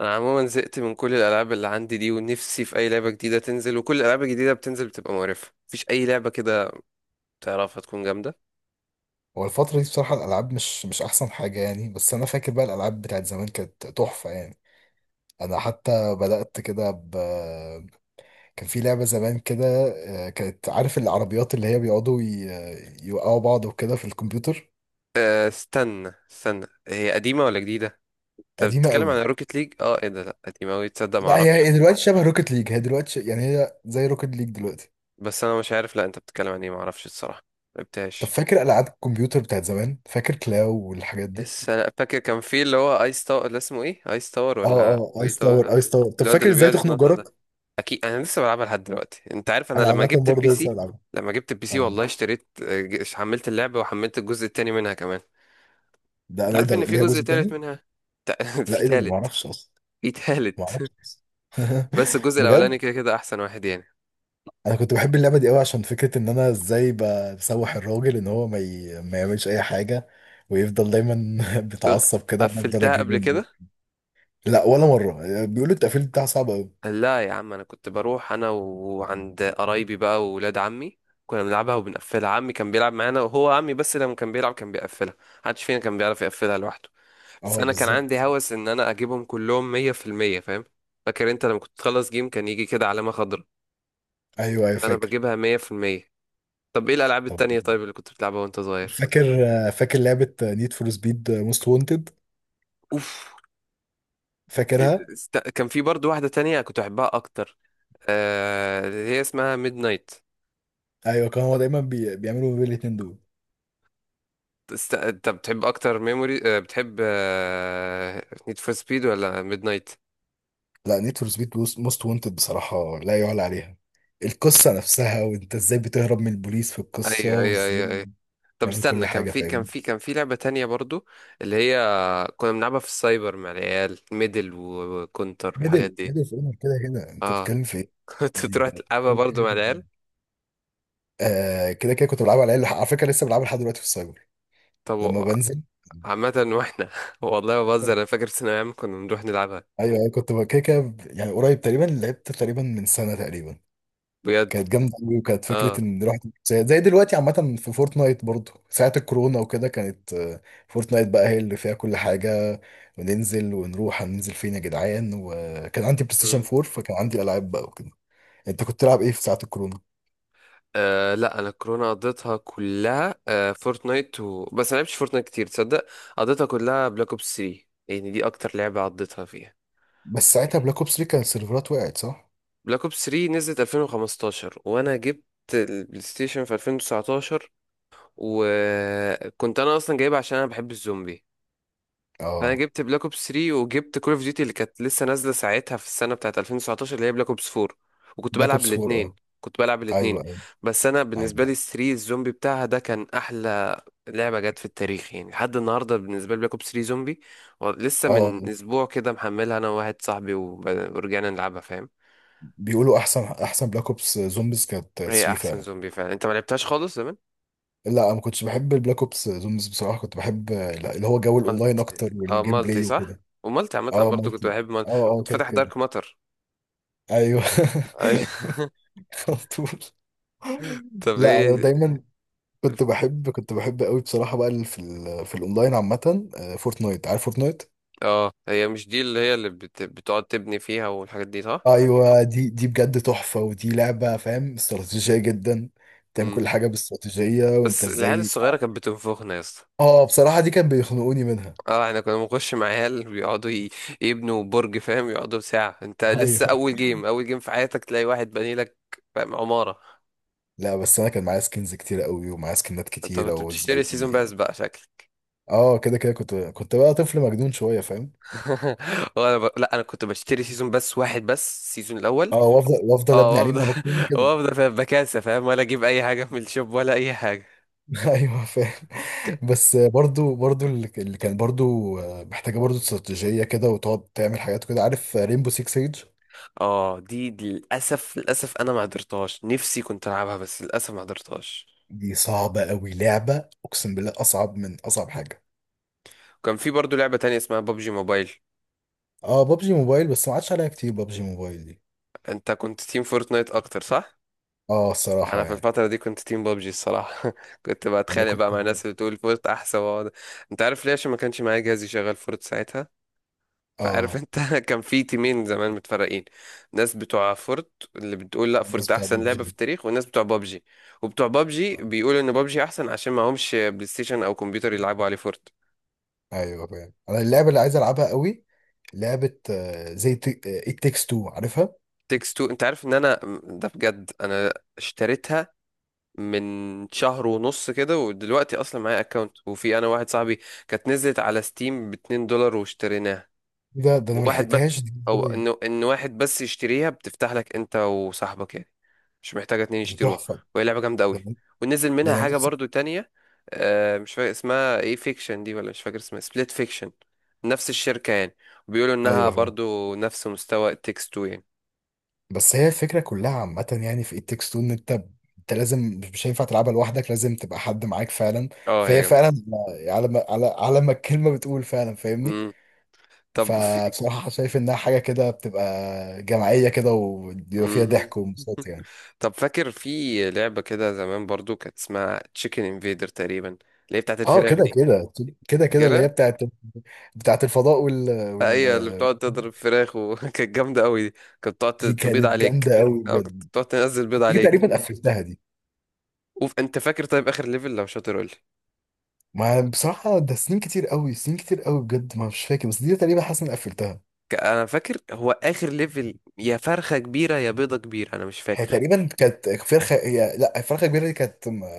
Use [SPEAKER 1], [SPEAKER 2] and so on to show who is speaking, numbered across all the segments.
[SPEAKER 1] انا عموما زهقت من كل الالعاب اللي عندي دي ونفسي في اي لعبه جديده تنزل، وكل الالعاب الجديده بتنزل بتبقى مقرفه. مفيش اي لعبه كده تعرفها تكون جامده.
[SPEAKER 2] هو الفترة دي بصراحة الألعاب مش أحسن حاجة يعني، بس أنا فاكر بقى الألعاب بتاعت زمان كانت تحفة يعني. أنا حتى بدأت كده كان في لعبة زمان كده، كانت، عارف العربيات اللي هي بيقعدوا يوقعوا بعض وكده في الكمبيوتر.
[SPEAKER 1] أه، استنى استنى، هي قديمه ولا جديده؟ انت
[SPEAKER 2] قديمة
[SPEAKER 1] بتتكلم عن
[SPEAKER 2] قوي.
[SPEAKER 1] روكيت ليج؟ اه، ايه ده؟ لا قديمه اوي، تصدق
[SPEAKER 2] لا هي
[SPEAKER 1] معرفش.
[SPEAKER 2] هي دلوقتي شبه روكت ليج، هي دلوقتي يعني هي زي روكت ليج دلوقتي.
[SPEAKER 1] بس انا مش عارف، لا انت بتتكلم عن ايه؟ معرفش الصراحه،
[SPEAKER 2] طب
[SPEAKER 1] ملعبتهاش.
[SPEAKER 2] فاكر ألعاب الكمبيوتر بتاعت زمان، فاكر كلاو والحاجات دي.
[SPEAKER 1] بس انا فاكر كان في اللي هو ايس تاور، اللي اسمه ايه، ايس تاور
[SPEAKER 2] اه،
[SPEAKER 1] ولا
[SPEAKER 2] اه
[SPEAKER 1] ايه
[SPEAKER 2] ايس تاور،
[SPEAKER 1] تاور؟
[SPEAKER 2] ايس تاور. طب
[SPEAKER 1] الواد
[SPEAKER 2] فاكر
[SPEAKER 1] اللي
[SPEAKER 2] ازاي
[SPEAKER 1] بيقعد
[SPEAKER 2] تخنق
[SPEAKER 1] يتنطط ده،
[SPEAKER 2] جارك؟
[SPEAKER 1] اكيد انا لسه بلعبها لحد دلوقتي. انت عارف انا
[SPEAKER 2] انا
[SPEAKER 1] لما
[SPEAKER 2] عامه
[SPEAKER 1] جبت البي
[SPEAKER 2] برضه لسه
[SPEAKER 1] سي،
[SPEAKER 2] بلعبها.
[SPEAKER 1] لما جبت البي سي
[SPEAKER 2] آه.
[SPEAKER 1] والله اشتريت حملت اللعبه وحملت الجزء التاني منها كمان.
[SPEAKER 2] ده
[SPEAKER 1] انت
[SPEAKER 2] انا ايه
[SPEAKER 1] عارف ان
[SPEAKER 2] ده،
[SPEAKER 1] في
[SPEAKER 2] ليها
[SPEAKER 1] جزء
[SPEAKER 2] جزء
[SPEAKER 1] تالت
[SPEAKER 2] تاني؟
[SPEAKER 1] منها؟
[SPEAKER 2] لا،
[SPEAKER 1] في
[SPEAKER 2] ايه ده، انا ما
[SPEAKER 1] تالت،
[SPEAKER 2] اعرفش اصلا.
[SPEAKER 1] في
[SPEAKER 2] ما
[SPEAKER 1] تالت.
[SPEAKER 2] اعرفش اصلا.
[SPEAKER 1] بس الجزء الاولاني
[SPEAKER 2] بجد.
[SPEAKER 1] كده كده احسن واحد يعني.
[SPEAKER 2] انا كنت بحب اللعبه دي قوي عشان فكره ان انا ازاي بسوح الراجل ان هو ما يعملش اي حاجه، ويفضل دايما بيتعصب كده وانا افضل
[SPEAKER 1] قفلتها
[SPEAKER 2] اجري
[SPEAKER 1] قبل
[SPEAKER 2] منه.
[SPEAKER 1] كده؟
[SPEAKER 2] لا، ولا مره، بيقولوا التقفيل بتاعها صعب قوي.
[SPEAKER 1] لا يا عم، انا كنت بروح انا وعند قرايبي بقى وولاد عمي، كنا بنلعبها وبنقفلها. عمي كان بيلعب معانا، وهو عمي بس لما كان بيلعب كان بيقفلها، محدش فينا كان بيعرف يقفلها لوحده. بس
[SPEAKER 2] اه
[SPEAKER 1] انا كان عندي
[SPEAKER 2] بالظبط.
[SPEAKER 1] هوس ان انا اجيبهم كلهم 100%، فاهم؟ فاكر انت لما كنت تخلص جيم كان يجي كده علامة خضراء؟
[SPEAKER 2] ايوه، ايوه
[SPEAKER 1] فانا
[SPEAKER 2] فاكر.
[SPEAKER 1] بجيبها 100%. طب ايه الالعاب
[SPEAKER 2] طب
[SPEAKER 1] التانية طيب اللي كنت بتلعبها وانت صغير؟
[SPEAKER 2] فاكر فاكر لعبه نيد فور سبيد موست وونتد.
[SPEAKER 1] اوف.
[SPEAKER 2] فاكرها.
[SPEAKER 1] كان في برضو واحدة تانية كنت احبها اكتر، اللي هي اسمها ميد نايت.
[SPEAKER 2] ايوه، كان هو دايما بيعملوا ما بين الاتنين دول.
[SPEAKER 1] انت بتحب اكتر ميموري، بتحب نيد فور سبيد ولا ميد نايت؟
[SPEAKER 2] لا، نيد فور سبيد موست وانتد بصراحة لا يعلى عليها. القصة نفسها، وانت ازاي بتهرب من البوليس في القصة،
[SPEAKER 1] ايوه ايوه
[SPEAKER 2] وازاي
[SPEAKER 1] ايوه ايوه. طب
[SPEAKER 2] بتعمل كل
[SPEAKER 1] استنى، كان
[SPEAKER 2] حاجة،
[SPEAKER 1] في كان
[SPEAKER 2] فاهم.
[SPEAKER 1] في كان في لعبة تانية برضو، اللي هي كنا بنلعبها في السايبر مع العيال، ميدل وكونتر والحاجات
[SPEAKER 2] ميدل
[SPEAKER 1] دي.
[SPEAKER 2] ميدل في اونر، كده كده انت
[SPEAKER 1] اه.
[SPEAKER 2] بتتكلم في ايه.
[SPEAKER 1] كنت
[SPEAKER 2] دي-
[SPEAKER 1] تروح
[SPEAKER 2] ده
[SPEAKER 1] تلعبها
[SPEAKER 2] كل
[SPEAKER 1] برضو
[SPEAKER 2] حاجة في
[SPEAKER 1] مع العيال.
[SPEAKER 2] الدنيا. كده كده كنت بلعبها على العيال، على فكرة لسه بلعبها لحد دلوقتي في السايبر
[SPEAKER 1] طب
[SPEAKER 2] لما بنزل.
[SPEAKER 1] عامة واحنا والله ما بهزر، انا فاكر في ثانوية عامة كنا بنروح نلعبها.
[SPEAKER 2] ايوه ايوه، كنت بقى كده كده يعني، قريب تقريبا لعبت تقريبا من سنة تقريبا.
[SPEAKER 1] بجد.
[SPEAKER 2] كانت جامده قوي، وكانت
[SPEAKER 1] اه.
[SPEAKER 2] فكره ان رحت زي دلوقتي عامه في فورتنايت، برضو ساعه الكورونا وكده كانت فورتنايت بقى هي اللي فيها كل حاجه، وننزل ونروح، هننزل فين يا جدعان؟ وكان عندي بلاي ستيشن
[SPEAKER 1] مم.
[SPEAKER 2] 4، فكان عندي العاب بقى وكده. انت كنت تلعب ايه في ساعه الكورونا؟
[SPEAKER 1] آه لا، انا كورونا قضيتها كلها فورتنايت بس ما لعبتش فورتنايت كتير تصدق. قضيتها كلها بلاك اوبس 3 يعني، دي اكتر لعبة قضيتها فيها.
[SPEAKER 2] بس ساعتها بلاك اوبس 3 كان السيرفرات وقعت، صح؟
[SPEAKER 1] بلاك اوبس 3 نزلت 2015، وانا جبت البلاي ستيشن في 2019، وكنت انا اصلا جايبها عشان انا بحب الزومبي. فانا
[SPEAKER 2] اه،
[SPEAKER 1] جبت بلاك اوبس 3، وجبت كول اوف ديوتي اللي كانت لسه نازله ساعتها في السنه بتاعت 2019، اللي هي بلاك اوبس 4. وكنت
[SPEAKER 2] بلاك
[SPEAKER 1] بلعب
[SPEAKER 2] اوبس 4.
[SPEAKER 1] الاثنين،
[SPEAKER 2] اه
[SPEAKER 1] كنت بلعب الاثنين.
[SPEAKER 2] ايوه ايوه
[SPEAKER 1] بس انا بالنسبه
[SPEAKER 2] ايوه.
[SPEAKER 1] لي 3 الزومبي بتاعها ده كان احلى لعبه جت في التاريخ يعني. لحد النهارده بالنسبه لي بلاك اوبس 3 زومبي. لسه من
[SPEAKER 2] اه،
[SPEAKER 1] اسبوع كده محملها انا وواحد صاحبي ورجعنا نلعبها، فاهم.
[SPEAKER 2] بيقولوا احسن، احسن بلاك اوبس زومبيز كانت
[SPEAKER 1] هي
[SPEAKER 2] 3
[SPEAKER 1] احسن
[SPEAKER 2] فعلا.
[SPEAKER 1] زومبي فعلا، انت ما لعبتهاش خالص زمان؟
[SPEAKER 2] لا، ما كنتش بحب البلاك اوبس زومز بصراحه، كنت بحب، لا، اللي هو جو الاونلاين
[SPEAKER 1] مالتي.
[SPEAKER 2] اكتر
[SPEAKER 1] اه
[SPEAKER 2] والجيم
[SPEAKER 1] مالتي
[SPEAKER 2] بلاي
[SPEAKER 1] صح،
[SPEAKER 2] وكده.
[SPEAKER 1] ومالتي عامه أنا
[SPEAKER 2] اه اه
[SPEAKER 1] برضو كنت
[SPEAKER 2] مالتي.
[SPEAKER 1] بحب مالتي،
[SPEAKER 2] اه اه
[SPEAKER 1] كنت
[SPEAKER 2] كده
[SPEAKER 1] فاتح
[SPEAKER 2] كده.
[SPEAKER 1] دارك ماتر.
[SPEAKER 2] ايوه.
[SPEAKER 1] اي.
[SPEAKER 2] على طول.
[SPEAKER 1] طب
[SPEAKER 2] لا انا
[SPEAKER 1] ايه.
[SPEAKER 2] دايما. كنت بحب قوي بصراحه بقى، في الاونلاين عامه، فورتنايت، عارف فورتنايت؟
[SPEAKER 1] اه، هي مش دي اللي هي اللي بتقعد تبني فيها والحاجات دي صح؟
[SPEAKER 2] ايوه، دي بجد تحفه، ودي لعبه فاهم، استراتيجيه جدا. بتعمل
[SPEAKER 1] مم.
[SPEAKER 2] كل حاجه باستراتيجيه، وانت
[SPEAKER 1] بس العيال
[SPEAKER 2] ازاي.
[SPEAKER 1] الصغيره كانت بتنفخنا يا اسطى.
[SPEAKER 2] اه بصراحه دي كان بيخنقوني منها.
[SPEAKER 1] اه احنا كنا بنخش مع عيال بيقعدوا يبنوا برج، فاهم، يقعدوا ساعه. انت لسه
[SPEAKER 2] ايوه.
[SPEAKER 1] اول جيم اول جيم في حياتك تلاقي واحد بني لك، فاهم، عماره.
[SPEAKER 2] لا بس انا كان معايا سكنز كتير قوي، ومعايا سكنات
[SPEAKER 1] انت
[SPEAKER 2] كتيره
[SPEAKER 1] كنت
[SPEAKER 2] وازاي.
[SPEAKER 1] بتشتري سيزون باس بقى شكل.
[SPEAKER 2] اه كده كده كنت بقى طفل مجنون شويه فاهم.
[SPEAKER 1] وانا لا، انا كنت بشتري سيزون بس واحد، بس السيزون الاول.
[SPEAKER 2] اه، وافضل
[SPEAKER 1] اه
[SPEAKER 2] ابني عليه،
[SPEAKER 1] وافضل.
[SPEAKER 2] ما انا بكون كده.
[SPEAKER 1] وافضل فاهم، بكاسه فاهم، ولا اجيب اي حاجه من الشوب ولا اي حاجه.
[SPEAKER 2] ايوه فاهم.
[SPEAKER 1] ك-
[SPEAKER 2] بس برضو اللي كان برضو محتاجه برضو استراتيجيه كده، وتقعد تعمل حاجات كده، عارف ريمبو 6 سيج؟
[SPEAKER 1] اه، دي دي للاسف، للاسف انا ما قدرتهاش، نفسي كنت العبها بس للاسف ما قدرتهاش.
[SPEAKER 2] دي صعبه قوي لعبه، اقسم بالله اصعب من اصعب حاجه.
[SPEAKER 1] كان في برضو لعبه تانية اسمها ببجي موبايل.
[SPEAKER 2] اه بابجي موبايل، بس ما عادش عليها كتير بابجي موبايل دي.
[SPEAKER 1] انت كنت تيم فورتنايت اكتر صح؟
[SPEAKER 2] اه الصراحه
[SPEAKER 1] انا في
[SPEAKER 2] يعني.
[SPEAKER 1] الفتره دي كنت تيم ببجي الصراحه. كنت
[SPEAKER 2] انا
[SPEAKER 1] بتخانق بقى
[SPEAKER 2] كنت.
[SPEAKER 1] مع الناس اللي بتقول فورت احسن، واقعد. انت عارف ليه؟ عشان ما كانش معايا جهاز يشغل فورت ساعتها. فعارف
[SPEAKER 2] اه
[SPEAKER 1] انت، كان في تيمين زمان متفرقين. ناس بتوع فورت اللي بتقول لا
[SPEAKER 2] الناس
[SPEAKER 1] فورت
[SPEAKER 2] بتاع
[SPEAKER 1] احسن لعبة في
[SPEAKER 2] بابجي.
[SPEAKER 1] التاريخ، والناس بتوع بابجي وبتوع بابجي بيقولوا ان بابجي احسن عشان معهمش بلاي ستيشن او كمبيوتر يلعبوا عليه فورت.
[SPEAKER 2] ايوه فاهم، انا اللعبه اللي عايز العبها قوي لعبه، زي ات تيكس تو، عارفها؟
[SPEAKER 1] تيكس تو، انت عارف ان انا ده بجد انا اشتريتها من شهر ونص كده، ودلوقتي اصلا معايا اكونت، وفي انا واحد صاحبي، كانت نزلت على ستيم بـ$2 واشتريناها.
[SPEAKER 2] ده انا ما
[SPEAKER 1] وواحد بس،
[SPEAKER 2] لحقتهاش دي
[SPEAKER 1] او
[SPEAKER 2] ازاي.
[SPEAKER 1] انه ان واحد بس يشتريها بتفتح لك انت وصاحبك يعني، مش محتاجه اتنين
[SPEAKER 2] دي
[SPEAKER 1] يشتروها.
[SPEAKER 2] تحفه.
[SPEAKER 1] وهي لعبه جامده
[SPEAKER 2] ده
[SPEAKER 1] قوي.
[SPEAKER 2] أنا-
[SPEAKER 1] ونزل
[SPEAKER 2] ده
[SPEAKER 1] منها
[SPEAKER 2] انا
[SPEAKER 1] حاجه
[SPEAKER 2] نفسي.
[SPEAKER 1] برضو تانية، آه مش فاكر اسمها ايه، فيكشن دي ولا مش فاكر اسمها، سبليت فيكشن، نفس الشركه يعني. وبيقولوا انها
[SPEAKER 2] ايوه فاهم.
[SPEAKER 1] برضو نفس مستوى تكست 2 يعني.
[SPEAKER 2] بس هي الفكره كلها عامه يعني في ات تيكس تو، ان انت لازم، مش هينفع تلعبها لوحدك، لازم تبقى حد معاك فعلا.
[SPEAKER 1] اه هي
[SPEAKER 2] فهي
[SPEAKER 1] جامده.
[SPEAKER 2] فعلا على ما الكلمه بتقول فعلا فاهمني.
[SPEAKER 1] مم. طب في.
[SPEAKER 2] فبصراحه شايف انها حاجه كده بتبقى جماعيه كده، وبيبقى فيها
[SPEAKER 1] مم.
[SPEAKER 2] ضحك وانبساط يعني.
[SPEAKER 1] طب فاكر في لعبه كده زمان برضو كانت اسمها تشيكن انفيدر تقريبا، اللي هي بتاعت
[SPEAKER 2] اه
[SPEAKER 1] الفراخ
[SPEAKER 2] كده
[SPEAKER 1] دي؟
[SPEAKER 2] كده. كده كده اللي هي
[SPEAKER 1] فاكرها؟
[SPEAKER 2] بتاعت الفضاء وال وال
[SPEAKER 1] هي اللي بتقعد تضرب فراخ، وكانت جامدة قوي دي، كانت
[SPEAKER 2] دي
[SPEAKER 1] بتقعد تبيض
[SPEAKER 2] كانت
[SPEAKER 1] عليك.
[SPEAKER 2] جامده قوي
[SPEAKER 1] اه كانت
[SPEAKER 2] بجد.
[SPEAKER 1] بتقعد تنزل بيض
[SPEAKER 2] دي
[SPEAKER 1] عليك.
[SPEAKER 2] تقريبا قفلتها دي.
[SPEAKER 1] انت فاكر طيب اخر ليفل لو شاطر قول لي.
[SPEAKER 2] ما بصراحه ده سنين كتير قوي، سنين كتير قوي بجد، ما مش فاكر، بس دي تقريبا حاسس اني قفلتها.
[SPEAKER 1] انا فاكر هو اخر ليفل يا فرخة كبيرة يا بيضة كبيرة، انا مش
[SPEAKER 2] هي
[SPEAKER 1] فاكر.
[SPEAKER 2] تقريبا كانت فرخه، هي لا فرخه كبيره دي كانت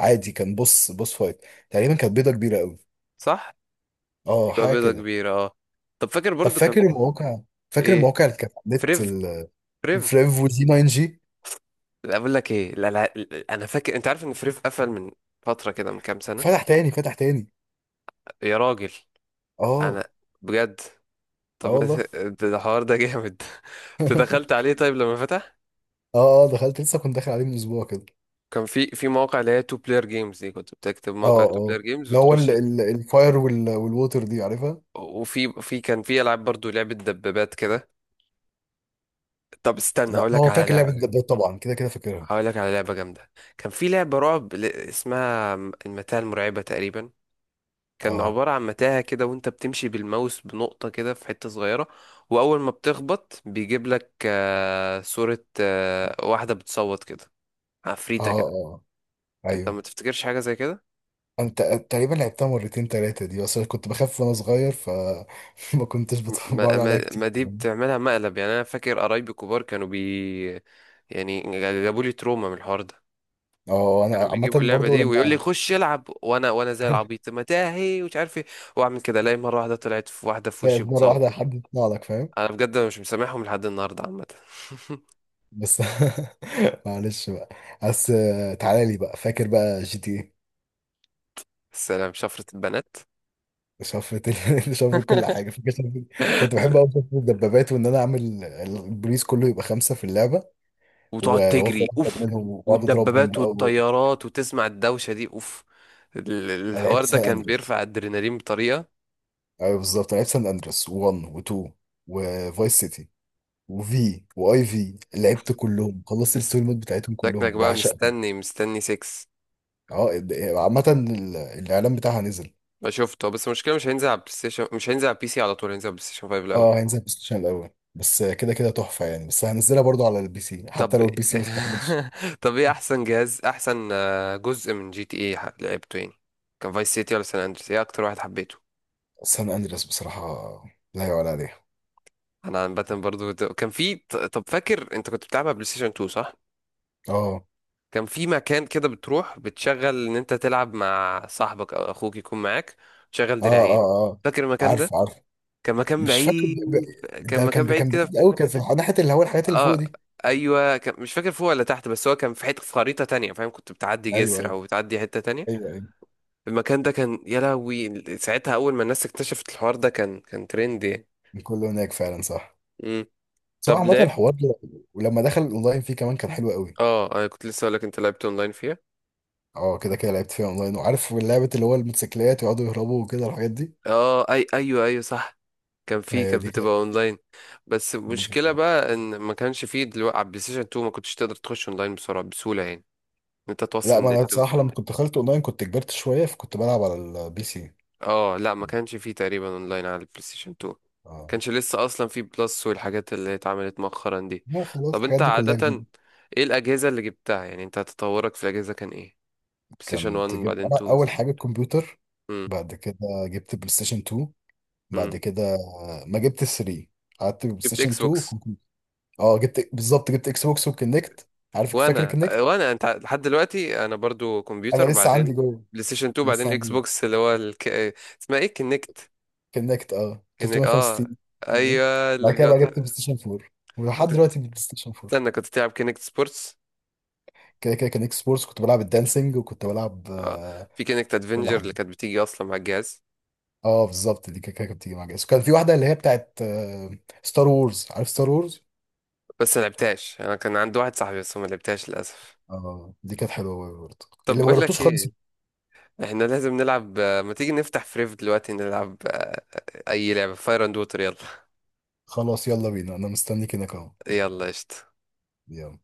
[SPEAKER 2] عادي، كان بص بص فايت، تقريبا كانت بيضه كبيره قوي.
[SPEAKER 1] صح،
[SPEAKER 2] اه
[SPEAKER 1] يبقى
[SPEAKER 2] حاجه
[SPEAKER 1] بيضة
[SPEAKER 2] كده.
[SPEAKER 1] كبيرة اه. طب فاكر
[SPEAKER 2] طب
[SPEAKER 1] برضو كان
[SPEAKER 2] فاكر المواقع، فاكر
[SPEAKER 1] ايه؟
[SPEAKER 2] المواقع اللي كانت على النت
[SPEAKER 1] فريف. فريف.
[SPEAKER 2] فريف وزي 9 جي.
[SPEAKER 1] لا بقول لك ايه، لا لا لا، انا فاكر انت عارف ان فريف قفل من فترة كده من كام سنة.
[SPEAKER 2] فتح تاني، فتح تاني.
[SPEAKER 1] يا راجل. انا
[SPEAKER 2] اه،
[SPEAKER 1] بجد. طب
[SPEAKER 2] اه
[SPEAKER 1] ما
[SPEAKER 2] والله.
[SPEAKER 1] ت- ده ده الحوار ده جامد. تدخلت عليه طيب لما فتح؟
[SPEAKER 2] اه اه، دخلت لسه، كنت داخل عليه من اسبوع كده.
[SPEAKER 1] كان في، في مواقع اللي هي تو بلاير جيمز دي، كنت بتكتب موقع
[SPEAKER 2] اه
[SPEAKER 1] تو
[SPEAKER 2] اه،
[SPEAKER 1] بلاير جيمز
[SPEAKER 2] اللي هو
[SPEAKER 1] وتخش.
[SPEAKER 2] الفاير والووتر دي عارفها.
[SPEAKER 1] وفي، في كان في العاب برضو، لعبه دبابات كده. طب استنى
[SPEAKER 2] لا
[SPEAKER 1] هقول لك
[SPEAKER 2] هو
[SPEAKER 1] على
[SPEAKER 2] فاكر لعبه
[SPEAKER 1] لعبه جامده،
[SPEAKER 2] الدبابات طبعا، كده كده فاكرها.
[SPEAKER 1] هقول لك على لعبه جامده، كان في لعبه رعب اسمها المتاهه المرعبه تقريبا.
[SPEAKER 2] اه
[SPEAKER 1] كان
[SPEAKER 2] اه
[SPEAKER 1] عباره عن متاهه كده، وانت بتمشي بالماوس بنقطه كده في حته صغيره، واول ما بتخبط بيجيب لك صوره، واحده بتصوت كده،
[SPEAKER 2] اه.
[SPEAKER 1] عفريته كده.
[SPEAKER 2] اه.
[SPEAKER 1] انت
[SPEAKER 2] ايوه.
[SPEAKER 1] ما تفتكرش حاجه زي كده؟
[SPEAKER 2] انت تقريبا لعبتها مرتين ثلاثه دي، بس أنا كنت بخاف وانا صغير ما كنتش
[SPEAKER 1] ما,
[SPEAKER 2] بقعد عليها
[SPEAKER 1] ما,
[SPEAKER 2] كتير.
[SPEAKER 1] ما دي بتعملها مقلب يعني. انا فاكر قرايبي كبار كانوا بي، يعني جابوا لي تروما من الحوار ده.
[SPEAKER 2] اه اه. انا
[SPEAKER 1] كانوا
[SPEAKER 2] عامه
[SPEAKER 1] بيجيبوا اللعبه
[SPEAKER 2] برضو
[SPEAKER 1] دي ويقول لي
[SPEAKER 2] لما
[SPEAKER 1] خش العب، وانا وانا زي العبيط، ما تاهي ومش عارف ايه، واعمل كده، الاقي مره واحده طلعت في، واحده في وشي
[SPEAKER 2] خايف مره
[SPEAKER 1] بتصوت.
[SPEAKER 2] واحده حد يطلع لك فاهم.
[SPEAKER 1] انا بجد مش مسامحهم لحد النهارده عامه.
[SPEAKER 2] بس معلش بقى. بس تعالى لي بقى، فاكر بقى جي تي إيه؟
[SPEAKER 1] السلام شفره البنات.
[SPEAKER 2] شفت شفت كل حاجه، فاكر، كنت بحب قوي، شفت الدبابات، وان انا اعمل البوليس كله يبقى خمسه في اللعبه،
[SPEAKER 1] وتقعد
[SPEAKER 2] وافضل
[SPEAKER 1] تجري
[SPEAKER 2] اهرب
[SPEAKER 1] اوف،
[SPEAKER 2] منهم، واقعد اضربهم
[SPEAKER 1] والدبابات
[SPEAKER 2] بقى
[SPEAKER 1] والطيارات وتسمع الدوشه دي اوف. ال-
[SPEAKER 2] انا لعبت
[SPEAKER 1] الحوار ده
[SPEAKER 2] سان
[SPEAKER 1] كان
[SPEAKER 2] اندريس.
[SPEAKER 1] بيرفع الادرينالين بطريقه
[SPEAKER 2] ايوه بالظبط، انا لعبت سان اندريس و1 و2 وفايس سيتي، وفي واي في،
[SPEAKER 1] اوف.
[SPEAKER 2] لعبت كلهم، خلصت الستوري مود بتاعتهم
[SPEAKER 1] شكلك
[SPEAKER 2] كلهم
[SPEAKER 1] بقى
[SPEAKER 2] بعشقهم.
[SPEAKER 1] مستني مستني 6.
[SPEAKER 2] اه عامه الاعلان بتاعها نزل.
[SPEAKER 1] ما شفته، بس المشكله مش هينزل على بلاي ستيشن، مش هينزل على بي سي على طول، هينزل على بلاي ستيشن 5 الاول.
[SPEAKER 2] اه هينزل بلاي ستيشن الاول، بس كده كده تحفه يعني، بس هنزلها برضو على البي سي
[SPEAKER 1] طب
[SPEAKER 2] حتى لو البي سي ما استحملش.
[SPEAKER 1] طب ايه احسن جهاز، احسن جزء من جي تي ايه لعبته يعني؟ كان فايس سيتي ولا سان اندريس؟ ايه اكتر واحد حبيته؟
[SPEAKER 2] سان اندريس بصراحة، لا يعلى عليها.
[SPEAKER 1] انا عامه برضو كنت، كان في طب فاكر انت كنت بتلعبها بلاي ستيشن 2 صح؟
[SPEAKER 2] اه.
[SPEAKER 1] كان في مكان كده بتروح بتشغل ان انت تلعب مع صاحبك او اخوك يكون معاك، تشغل
[SPEAKER 2] اه
[SPEAKER 1] دراعين.
[SPEAKER 2] اه اه.
[SPEAKER 1] فاكر المكان ده؟
[SPEAKER 2] عارف عارف.
[SPEAKER 1] كان مكان
[SPEAKER 2] مش فاكر
[SPEAKER 1] بعيد. كان
[SPEAKER 2] ده
[SPEAKER 1] مكان
[SPEAKER 2] كان
[SPEAKER 1] بعيد
[SPEAKER 2] كان
[SPEAKER 1] كده.
[SPEAKER 2] بعيد قوي، كان في ناحية اللي هو الحاجات اللي فوق
[SPEAKER 1] اه.
[SPEAKER 2] دي.
[SPEAKER 1] ايوه كان، مش فاكر فوق ولا تحت، بس هو كان في حته في خريطه تانية فاهم، كنت بتعدي
[SPEAKER 2] ايوه
[SPEAKER 1] جسر
[SPEAKER 2] ايوه
[SPEAKER 1] او بتعدي حته تانية.
[SPEAKER 2] ايوه ايوه.
[SPEAKER 1] المكان ده كان يا لهوي ساعتها اول ما الناس اكتشفت الحوار ده كان، كان ترند يعني.
[SPEAKER 2] كله هناك فعلا صح.
[SPEAKER 1] امم.
[SPEAKER 2] سواء
[SPEAKER 1] طب
[SPEAKER 2] عامة
[SPEAKER 1] لعبت.
[SPEAKER 2] الحوار ده، ولما دخل الاونلاين فيه كمان كان حلو قوي.
[SPEAKER 1] اه انا كنت لسه اقول لك، انت لعبت اونلاين فيها؟
[SPEAKER 2] اه كده كده لعبت فيها اونلاين، وعارف لعبة اللي هو الموتوسيكلات، يقعدوا يهربوا وكده الحاجات دي.
[SPEAKER 1] اه اي ايوه ايوه صح. كان في،
[SPEAKER 2] ايوه
[SPEAKER 1] كانت
[SPEAKER 2] دي كانت،
[SPEAKER 1] بتبقى اونلاين. بس
[SPEAKER 2] دي كانت
[SPEAKER 1] المشكله
[SPEAKER 2] تحفة.
[SPEAKER 1] بقى ان ما كانش فيه دلوقتي على البلاي ستيشن 2 ما كنتش تقدر تخش اونلاين بسرعه بسهوله يعني، إن انت
[SPEAKER 2] لا
[SPEAKER 1] توصل
[SPEAKER 2] ما انا
[SPEAKER 1] نت.
[SPEAKER 2] بصراحة لما كنت دخلت اونلاين كنت كبرت شوية، فكنت بلعب على البي سي.
[SPEAKER 1] اه لا، ما
[SPEAKER 2] اه.
[SPEAKER 1] كانش فيه تقريبا اونلاين على البلاي ستيشن 2،
[SPEAKER 2] آه.
[SPEAKER 1] كانش لسه اصلا فيه بلس والحاجات اللي اتعملت مؤخرا دي.
[SPEAKER 2] لا خلاص
[SPEAKER 1] طب
[SPEAKER 2] الحاجات
[SPEAKER 1] انت
[SPEAKER 2] دي كلها جديدة.
[SPEAKER 1] عادة ايه الاجهزة اللي جبتها يعني، انت تطورك في الاجهزة كان ايه؟ بلاي ستيشن
[SPEAKER 2] كنت
[SPEAKER 1] 1،
[SPEAKER 2] جبت
[SPEAKER 1] بعدين
[SPEAKER 2] أنا
[SPEAKER 1] 2،
[SPEAKER 2] أول
[SPEAKER 1] 3.
[SPEAKER 2] حاجة الكمبيوتر.
[SPEAKER 1] امم.
[SPEAKER 2] بعد كده جبت بلاي ستيشن 2.
[SPEAKER 1] امم.
[SPEAKER 2] بعد كده ما جبت 3، قعدت بلاي
[SPEAKER 1] جبت
[SPEAKER 2] ستيشن
[SPEAKER 1] اكس
[SPEAKER 2] 2
[SPEAKER 1] بوكس.
[SPEAKER 2] وكمبيوتر. اه، بالظبط جبت اكس بوكس وكنكت. عارف فاكر
[SPEAKER 1] وانا
[SPEAKER 2] كنكت؟
[SPEAKER 1] وانا انت لحد دلوقتي، انا برضو
[SPEAKER 2] انا
[SPEAKER 1] كمبيوتر،
[SPEAKER 2] لسه عندي
[SPEAKER 1] بعدين
[SPEAKER 2] جوه،
[SPEAKER 1] بلاي ستيشن 2،
[SPEAKER 2] لسه
[SPEAKER 1] بعدين
[SPEAKER 2] عندي
[SPEAKER 1] اكس
[SPEAKER 2] جوه.
[SPEAKER 1] بوكس، اللي هو اسمها ايه، كينكت.
[SPEAKER 2] كنكت، اه،
[SPEAKER 1] كينكت اه.
[SPEAKER 2] 365 يعني.
[SPEAKER 1] ايوه اللي
[SPEAKER 2] بعد كده بقى
[SPEAKER 1] بيقعد.
[SPEAKER 2] جبت بلاي ستيشن 4، ولحد
[SPEAKER 1] كنت،
[SPEAKER 2] دلوقتي بلاي ستيشن 4.
[SPEAKER 1] استنى كنت تلعب كينكت سبورتس؟
[SPEAKER 2] كده كده كان اكس بورس كنت بلعب الدانسينج، وكنت بلعب
[SPEAKER 1] اه. في كانكت
[SPEAKER 2] كل
[SPEAKER 1] ادفنجر اللي
[SPEAKER 2] حاجه.
[SPEAKER 1] كانت بتيجي اصلا مع الجهاز.
[SPEAKER 2] اه بالظبط دي كده كده كانت بتيجي مع جايز، وكان في واحده اللي هي بتاعت ستار وورز، عارف ستار وورز؟
[SPEAKER 1] بس ما لعبتهاش، انا كان عندي واحد صاحبي بس ما لعبتهاش للاسف.
[SPEAKER 2] اه دي كانت حلوه أوي برضه،
[SPEAKER 1] طب
[SPEAKER 2] اللي ما
[SPEAKER 1] بقول
[SPEAKER 2] جربتوش
[SPEAKER 1] لك
[SPEAKER 2] خالص.
[SPEAKER 1] ايه، احنا لازم نلعب، ما تيجي نفتح فريف دلوقتي نلعب اي لعبه، فاير اند ووتر، يلا.
[SPEAKER 2] خلاص يلا بينا، انا مستنيك هناك اهو.
[SPEAKER 1] يلا قشطة.
[SPEAKER 2] يلا